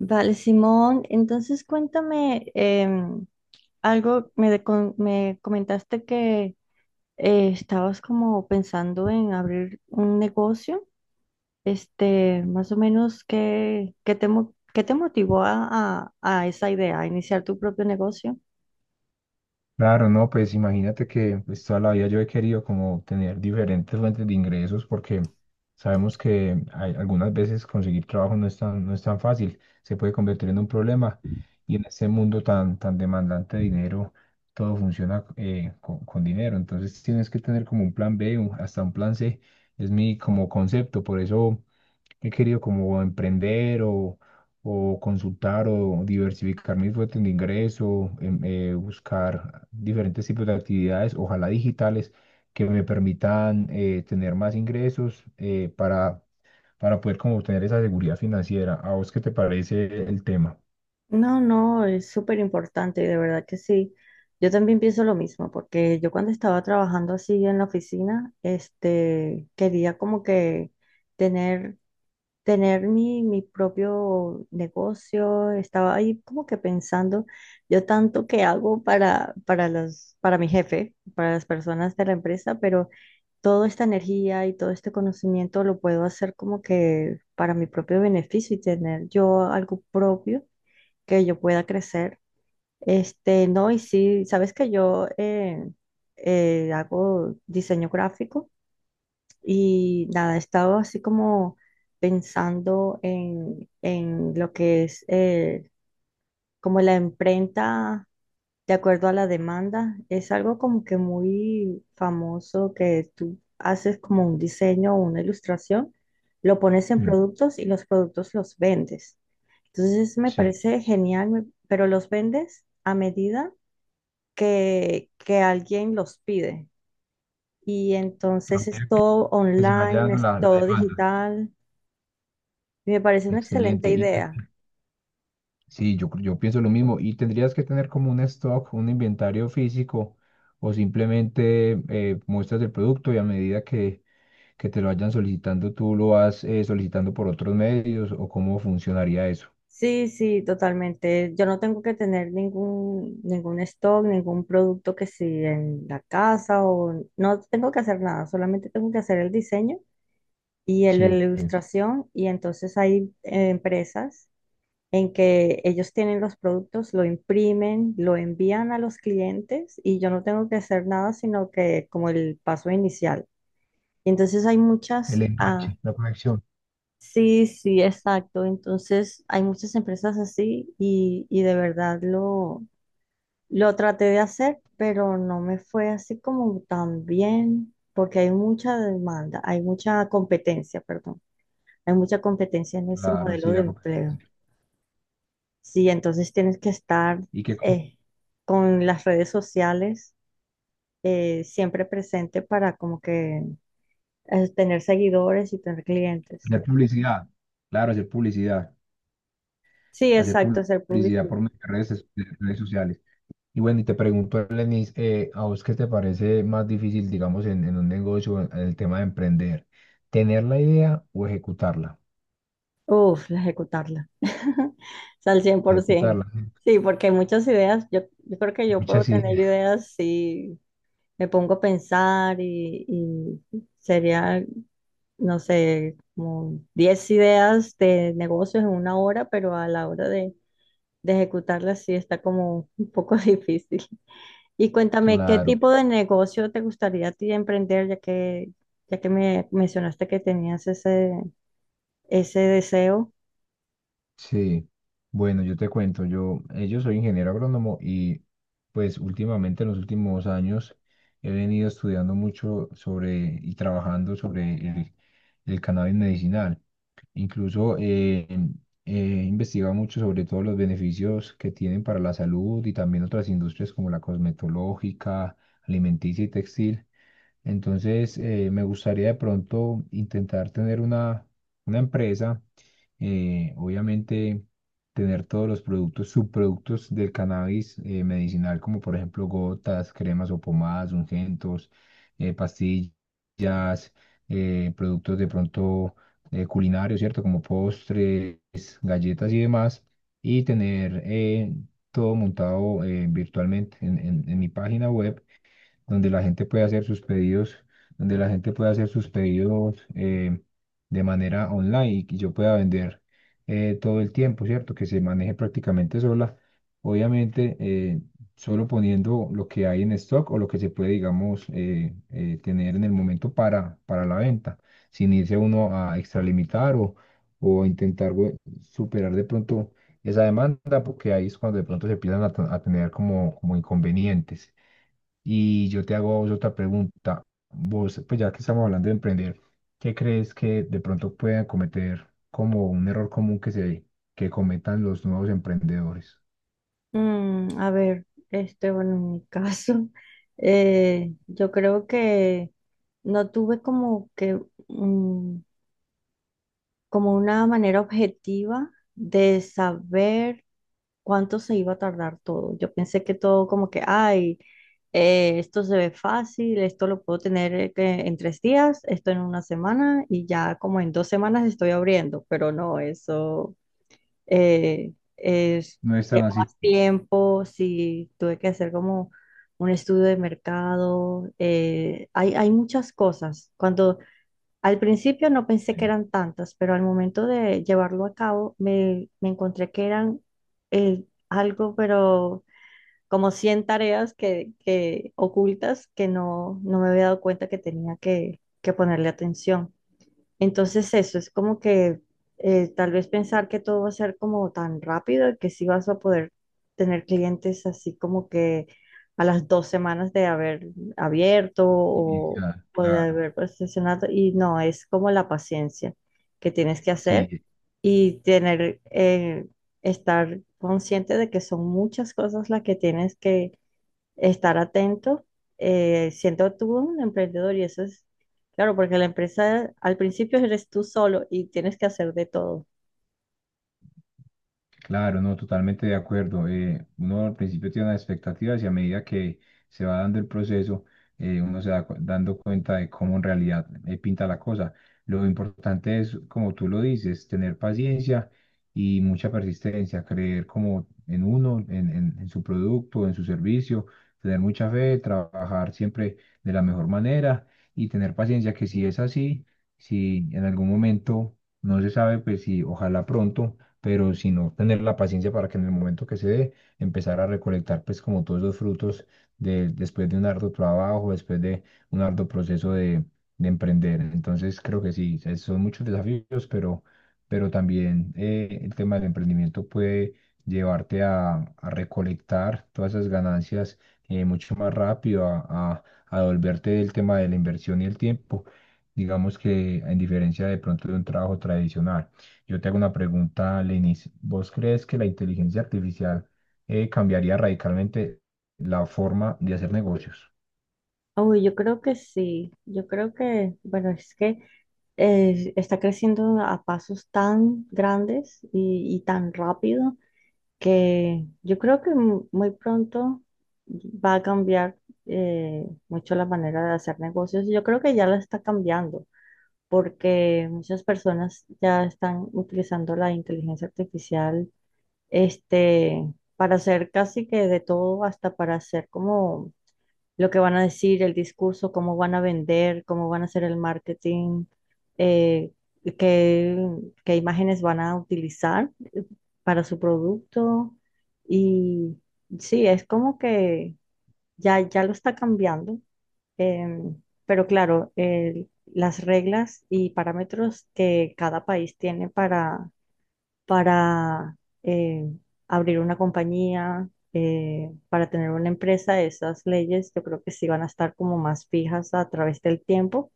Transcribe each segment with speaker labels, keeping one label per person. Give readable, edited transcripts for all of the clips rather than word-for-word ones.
Speaker 1: Vale, Simón, entonces cuéntame em, algo, me, de- con- me comentaste que estabas como pensando en abrir un negocio, este, más o menos, ¿qué te motivó a esa idea, a iniciar tu propio negocio?
Speaker 2: Claro, no, pues imagínate que pues, toda la vida yo he querido como tener diferentes fuentes de ingresos porque sabemos que algunas veces conseguir trabajo no es tan fácil, se puede convertir en un problema y en este mundo tan demandante de dinero, todo funciona con dinero, entonces tienes que tener como un plan B, hasta un plan C, es mi como concepto. Por eso he querido como emprender o consultar o diversificar mis fuentes de ingreso, buscar diferentes tipos de actividades, ojalá digitales, que me permitan tener más ingresos, para poder como obtener esa seguridad financiera. ¿A vos qué te parece el tema?
Speaker 1: No, no, es súper importante, de verdad que sí. Yo también pienso lo mismo, porque yo cuando estaba trabajando así en la oficina, este, quería como que tener tener mi propio negocio. Estaba ahí como que pensando, yo tanto que hago para mi jefe, para las personas de la empresa, pero toda esta energía y todo este conocimiento lo puedo hacer como que para mi propio beneficio y tener yo algo propio que yo pueda crecer. Este, no, y sí, sabes que yo hago diseño gráfico. Y nada, he estado así como pensando en lo que es como la imprenta de acuerdo a la demanda. Es algo como que muy famoso que tú haces como un diseño o una ilustración, lo pones en
Speaker 2: Mm.
Speaker 1: productos y los productos los vendes. Entonces me
Speaker 2: Sí,
Speaker 1: parece genial, pero los vendes a medida que alguien los pide. Y
Speaker 2: a
Speaker 1: entonces es
Speaker 2: medida
Speaker 1: todo
Speaker 2: que se vaya
Speaker 1: online,
Speaker 2: dando
Speaker 1: es
Speaker 2: la
Speaker 1: todo
Speaker 2: demanda.
Speaker 1: digital. Me parece una excelente
Speaker 2: Excelente.
Speaker 1: idea.
Speaker 2: Sí, yo pienso lo mismo, y tendrías que tener como un stock, un inventario físico, o simplemente muestras el producto y a medida que te lo vayan solicitando tú lo vas solicitando por otros medios, o cómo funcionaría eso.
Speaker 1: Sí, sí, totalmente. Yo no tengo que tener ningún stock, ningún producto que sí en la casa o no tengo que hacer nada, solamente tengo que hacer el diseño y la
Speaker 2: Sí,
Speaker 1: ilustración y entonces hay empresas en que ellos tienen los productos, lo imprimen, lo envían a los clientes y yo no tengo que hacer nada, sino que como el paso inicial. Y entonces hay
Speaker 2: el
Speaker 1: muchas.
Speaker 2: enganche, la conexión.
Speaker 1: Sí, sí, exacto. Entonces, hay muchas empresas así y de verdad lo traté de hacer, pero no me fue así como tan bien, porque hay mucha demanda, hay mucha competencia, perdón, hay mucha competencia en ese
Speaker 2: Claro, sí,
Speaker 1: modelo de
Speaker 2: la
Speaker 1: empleo.
Speaker 2: competencia.
Speaker 1: Sí, entonces tienes que estar
Speaker 2: ¿Y qué?
Speaker 1: eh, con las redes sociales siempre presente para como que tener seguidores y tener clientes.
Speaker 2: Hacer publicidad. Claro, hacer publicidad.
Speaker 1: Sí,
Speaker 2: Hacer
Speaker 1: exacto, ser
Speaker 2: publicidad
Speaker 1: publicidad.
Speaker 2: por medio de redes, sociales. Y bueno, y te pregunto, Lenis, ¿a vos qué te parece más difícil, digamos, en un negocio, en el tema de emprender? ¿Tener la idea o ejecutarla?
Speaker 1: Uf, la ejecutarla. O sea, al 100%.
Speaker 2: Ejecutarla.
Speaker 1: Sí, porque hay muchas ideas. Yo creo que yo puedo
Speaker 2: Muchas
Speaker 1: tener
Speaker 2: ideas.
Speaker 1: ideas si me pongo a pensar y sería, no sé, como 10 ideas de negocios en una hora, pero a la hora de ejecutarlas sí está como un poco difícil. Y cuéntame, ¿qué
Speaker 2: Claro,
Speaker 1: tipo de negocio te gustaría a ti emprender, ya que me mencionaste que tenías ese deseo?
Speaker 2: sí. Bueno, yo te cuento, yo soy ingeniero agrónomo y pues últimamente, en los últimos años, he venido estudiando mucho sobre y trabajando sobre el cannabis medicinal. Incluso, he investigado mucho sobre todos los beneficios que tienen para la salud, y también otras industrias como la cosmetológica, alimenticia y textil. Entonces, me gustaría de pronto intentar tener una empresa, obviamente tener todos los productos, subproductos del cannabis medicinal, como por ejemplo gotas, cremas o pomadas, ungüentos, pastillas, productos de pronto culinarios, ¿cierto? Como postres, galletas y demás, y tener todo montado, virtualmente en en mi página web donde la gente puede hacer sus pedidos, donde la gente puede hacer sus pedidos, de manera online, y que yo pueda vender todo el tiempo, ¿cierto? Que se maneje prácticamente sola. Obviamente, solo poniendo lo que hay en stock, o lo que se puede, digamos, tener en el momento para, la venta, sin irse uno a extralimitar o intentar superar de pronto esa demanda, porque ahí es cuando de pronto se empiezan a tener como inconvenientes. Y yo te hago a vos otra pregunta. Vos, pues ya que estamos hablando de emprender, ¿qué crees que de pronto puedan cometer como un error común que cometan los nuevos emprendedores?
Speaker 1: Mm, a ver, este, bueno, en mi caso, yo creo que no tuve como que, mm, como una manera objetiva de saber cuánto se iba a tardar todo. Yo pensé que todo como que, ay, esto se ve fácil, esto lo puedo tener que en 3 días, esto en una semana y ya como en 2 semanas estoy abriendo, pero no, eso eh, es,
Speaker 2: No es tan
Speaker 1: lleva
Speaker 2: así.
Speaker 1: más tiempo, sí, tuve que hacer como un estudio de mercado, hay muchas cosas. Cuando al principio no pensé que
Speaker 2: Sí.
Speaker 1: eran tantas, pero al momento de llevarlo a cabo me encontré que eran eh, algo, pero como 100 tareas que ocultas que no me había dado cuenta que tenía que ponerle atención. Entonces eso es como que tal vez pensar que todo va a ser como tan rápido y que sí vas a poder tener clientes así como que a las 2 semanas de haber abierto o,
Speaker 2: Inicial,
Speaker 1: o de
Speaker 2: claro.
Speaker 1: haber posicionado y no, es como la paciencia que tienes que hacer
Speaker 2: Sí.
Speaker 1: y tener, estar consciente de que son muchas cosas las que tienes que estar atento, siendo tú un emprendedor y eso es, claro, porque la empresa al principio eres tú solo y tienes que hacer de todo.
Speaker 2: Claro, no, totalmente de acuerdo. Uno al principio tiene unas expectativas, y a medida que se va dando el proceso, uno se va dando cuenta de cómo en realidad pinta la cosa. Lo importante es, como tú lo dices, tener paciencia y mucha persistencia, creer como en uno, en, su producto, en su servicio, tener mucha fe, trabajar siempre de la mejor manera y tener paciencia. Que si es así, si en algún momento no se sabe, pues sí, ojalá pronto, pero sino tener la paciencia para que en el momento que se dé, empezar a recolectar pues como todos esos frutos, después de un arduo trabajo, después de un arduo proceso de emprender. Entonces creo que sí, son muchos desafíos, pero también, el tema del emprendimiento puede llevarte a recolectar todas esas ganancias, mucho más rápido, a a volverte del tema de la inversión y el tiempo, digamos, que en diferencia de pronto de un trabajo tradicional. Yo te hago una pregunta, Lenis. ¿Vos crees que la inteligencia artificial, cambiaría radicalmente la forma de hacer negocios?
Speaker 1: Uy, yo creo que sí, yo creo que, bueno, es que está creciendo a pasos tan grandes y tan rápido que yo creo que muy pronto va a cambiar mucho la manera de hacer negocios. Yo creo que ya la está cambiando, porque muchas personas ya están utilizando la inteligencia artificial, este, para hacer casi que de todo, hasta para hacer como lo que van a decir, el discurso, cómo van a vender, cómo van a hacer el marketing, eh, qué, qué imágenes van a utilizar para su producto. Y sí, es como que ya lo está cambiando. Em, pero claro, las reglas y parámetros que cada país tiene para, eh, abrir una compañía, para tener una empresa, esas leyes yo creo que sí van a estar como más fijas a través del tiempo.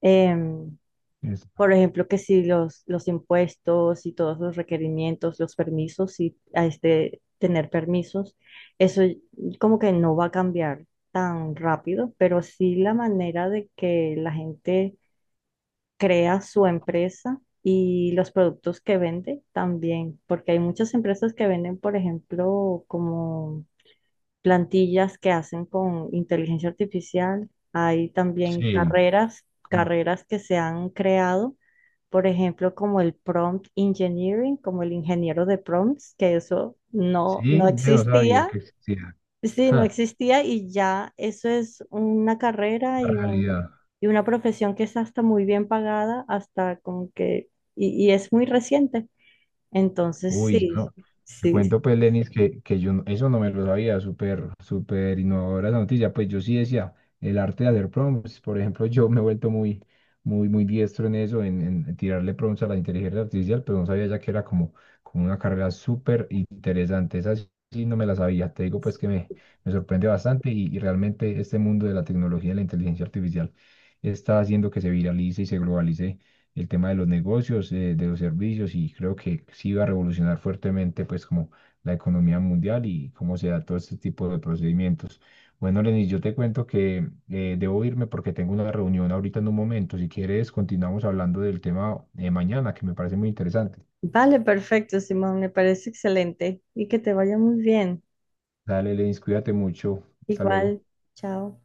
Speaker 1: Em,
Speaker 2: Es-
Speaker 1: por ejemplo, que si los impuestos y todos los requerimientos, los permisos y a este tener permisos, eso como que no va a cambiar tan rápido, pero sí la manera de que la gente crea su empresa y los productos que vende también, porque hay muchas empresas que venden, por ejemplo, como plantillas que hacen con inteligencia artificial, hay también
Speaker 2: sí.
Speaker 1: carreras,
Speaker 2: como-
Speaker 1: carreras que se han creado por ejemplo, como el prompt engineering, como el ingeniero de prompts, que eso no
Speaker 2: sí, yo no sabía
Speaker 1: existía.
Speaker 2: que existía.
Speaker 1: Sí, no
Speaker 2: Ja,
Speaker 1: existía y ya eso es una carrera
Speaker 2: la
Speaker 1: y, un,
Speaker 2: realidad.
Speaker 1: y una profesión que es hasta muy bien pagada, hasta como que, y es muy reciente. Entonces,
Speaker 2: Uy, yo
Speaker 1: sí,
Speaker 2: no- Te
Speaker 1: sí.
Speaker 2: cuento, pues, Lenis, que, yo eso no me lo sabía. Súper, súper innovadora la noticia. Pues yo sí decía, el arte de hacer prompts, por ejemplo, yo me he vuelto muy, muy, muy diestro en eso, en, tirarle prompts a la inteligencia artificial, pero no sabía ya que era como una carrera súper interesante. Esa sí sí no me la sabía. Te digo, pues, que me sorprende bastante, y realmente este mundo de la tecnología y la inteligencia artificial está haciendo que se viralice y se globalice el tema de los negocios, de los servicios, y creo que sí va a revolucionar fuertemente pues como la economía mundial y cómo se da todo este tipo de procedimientos. Bueno, Lenis, yo te cuento que, debo irme porque tengo una reunión ahorita en un momento. Si quieres, continuamos hablando del tema de mañana, que me parece muy interesante.
Speaker 1: Vale, perfecto, Simón, me parece excelente y que te vaya muy bien.
Speaker 2: Dale, Lenis, cuídate mucho. Hasta luego.
Speaker 1: Igual, chao.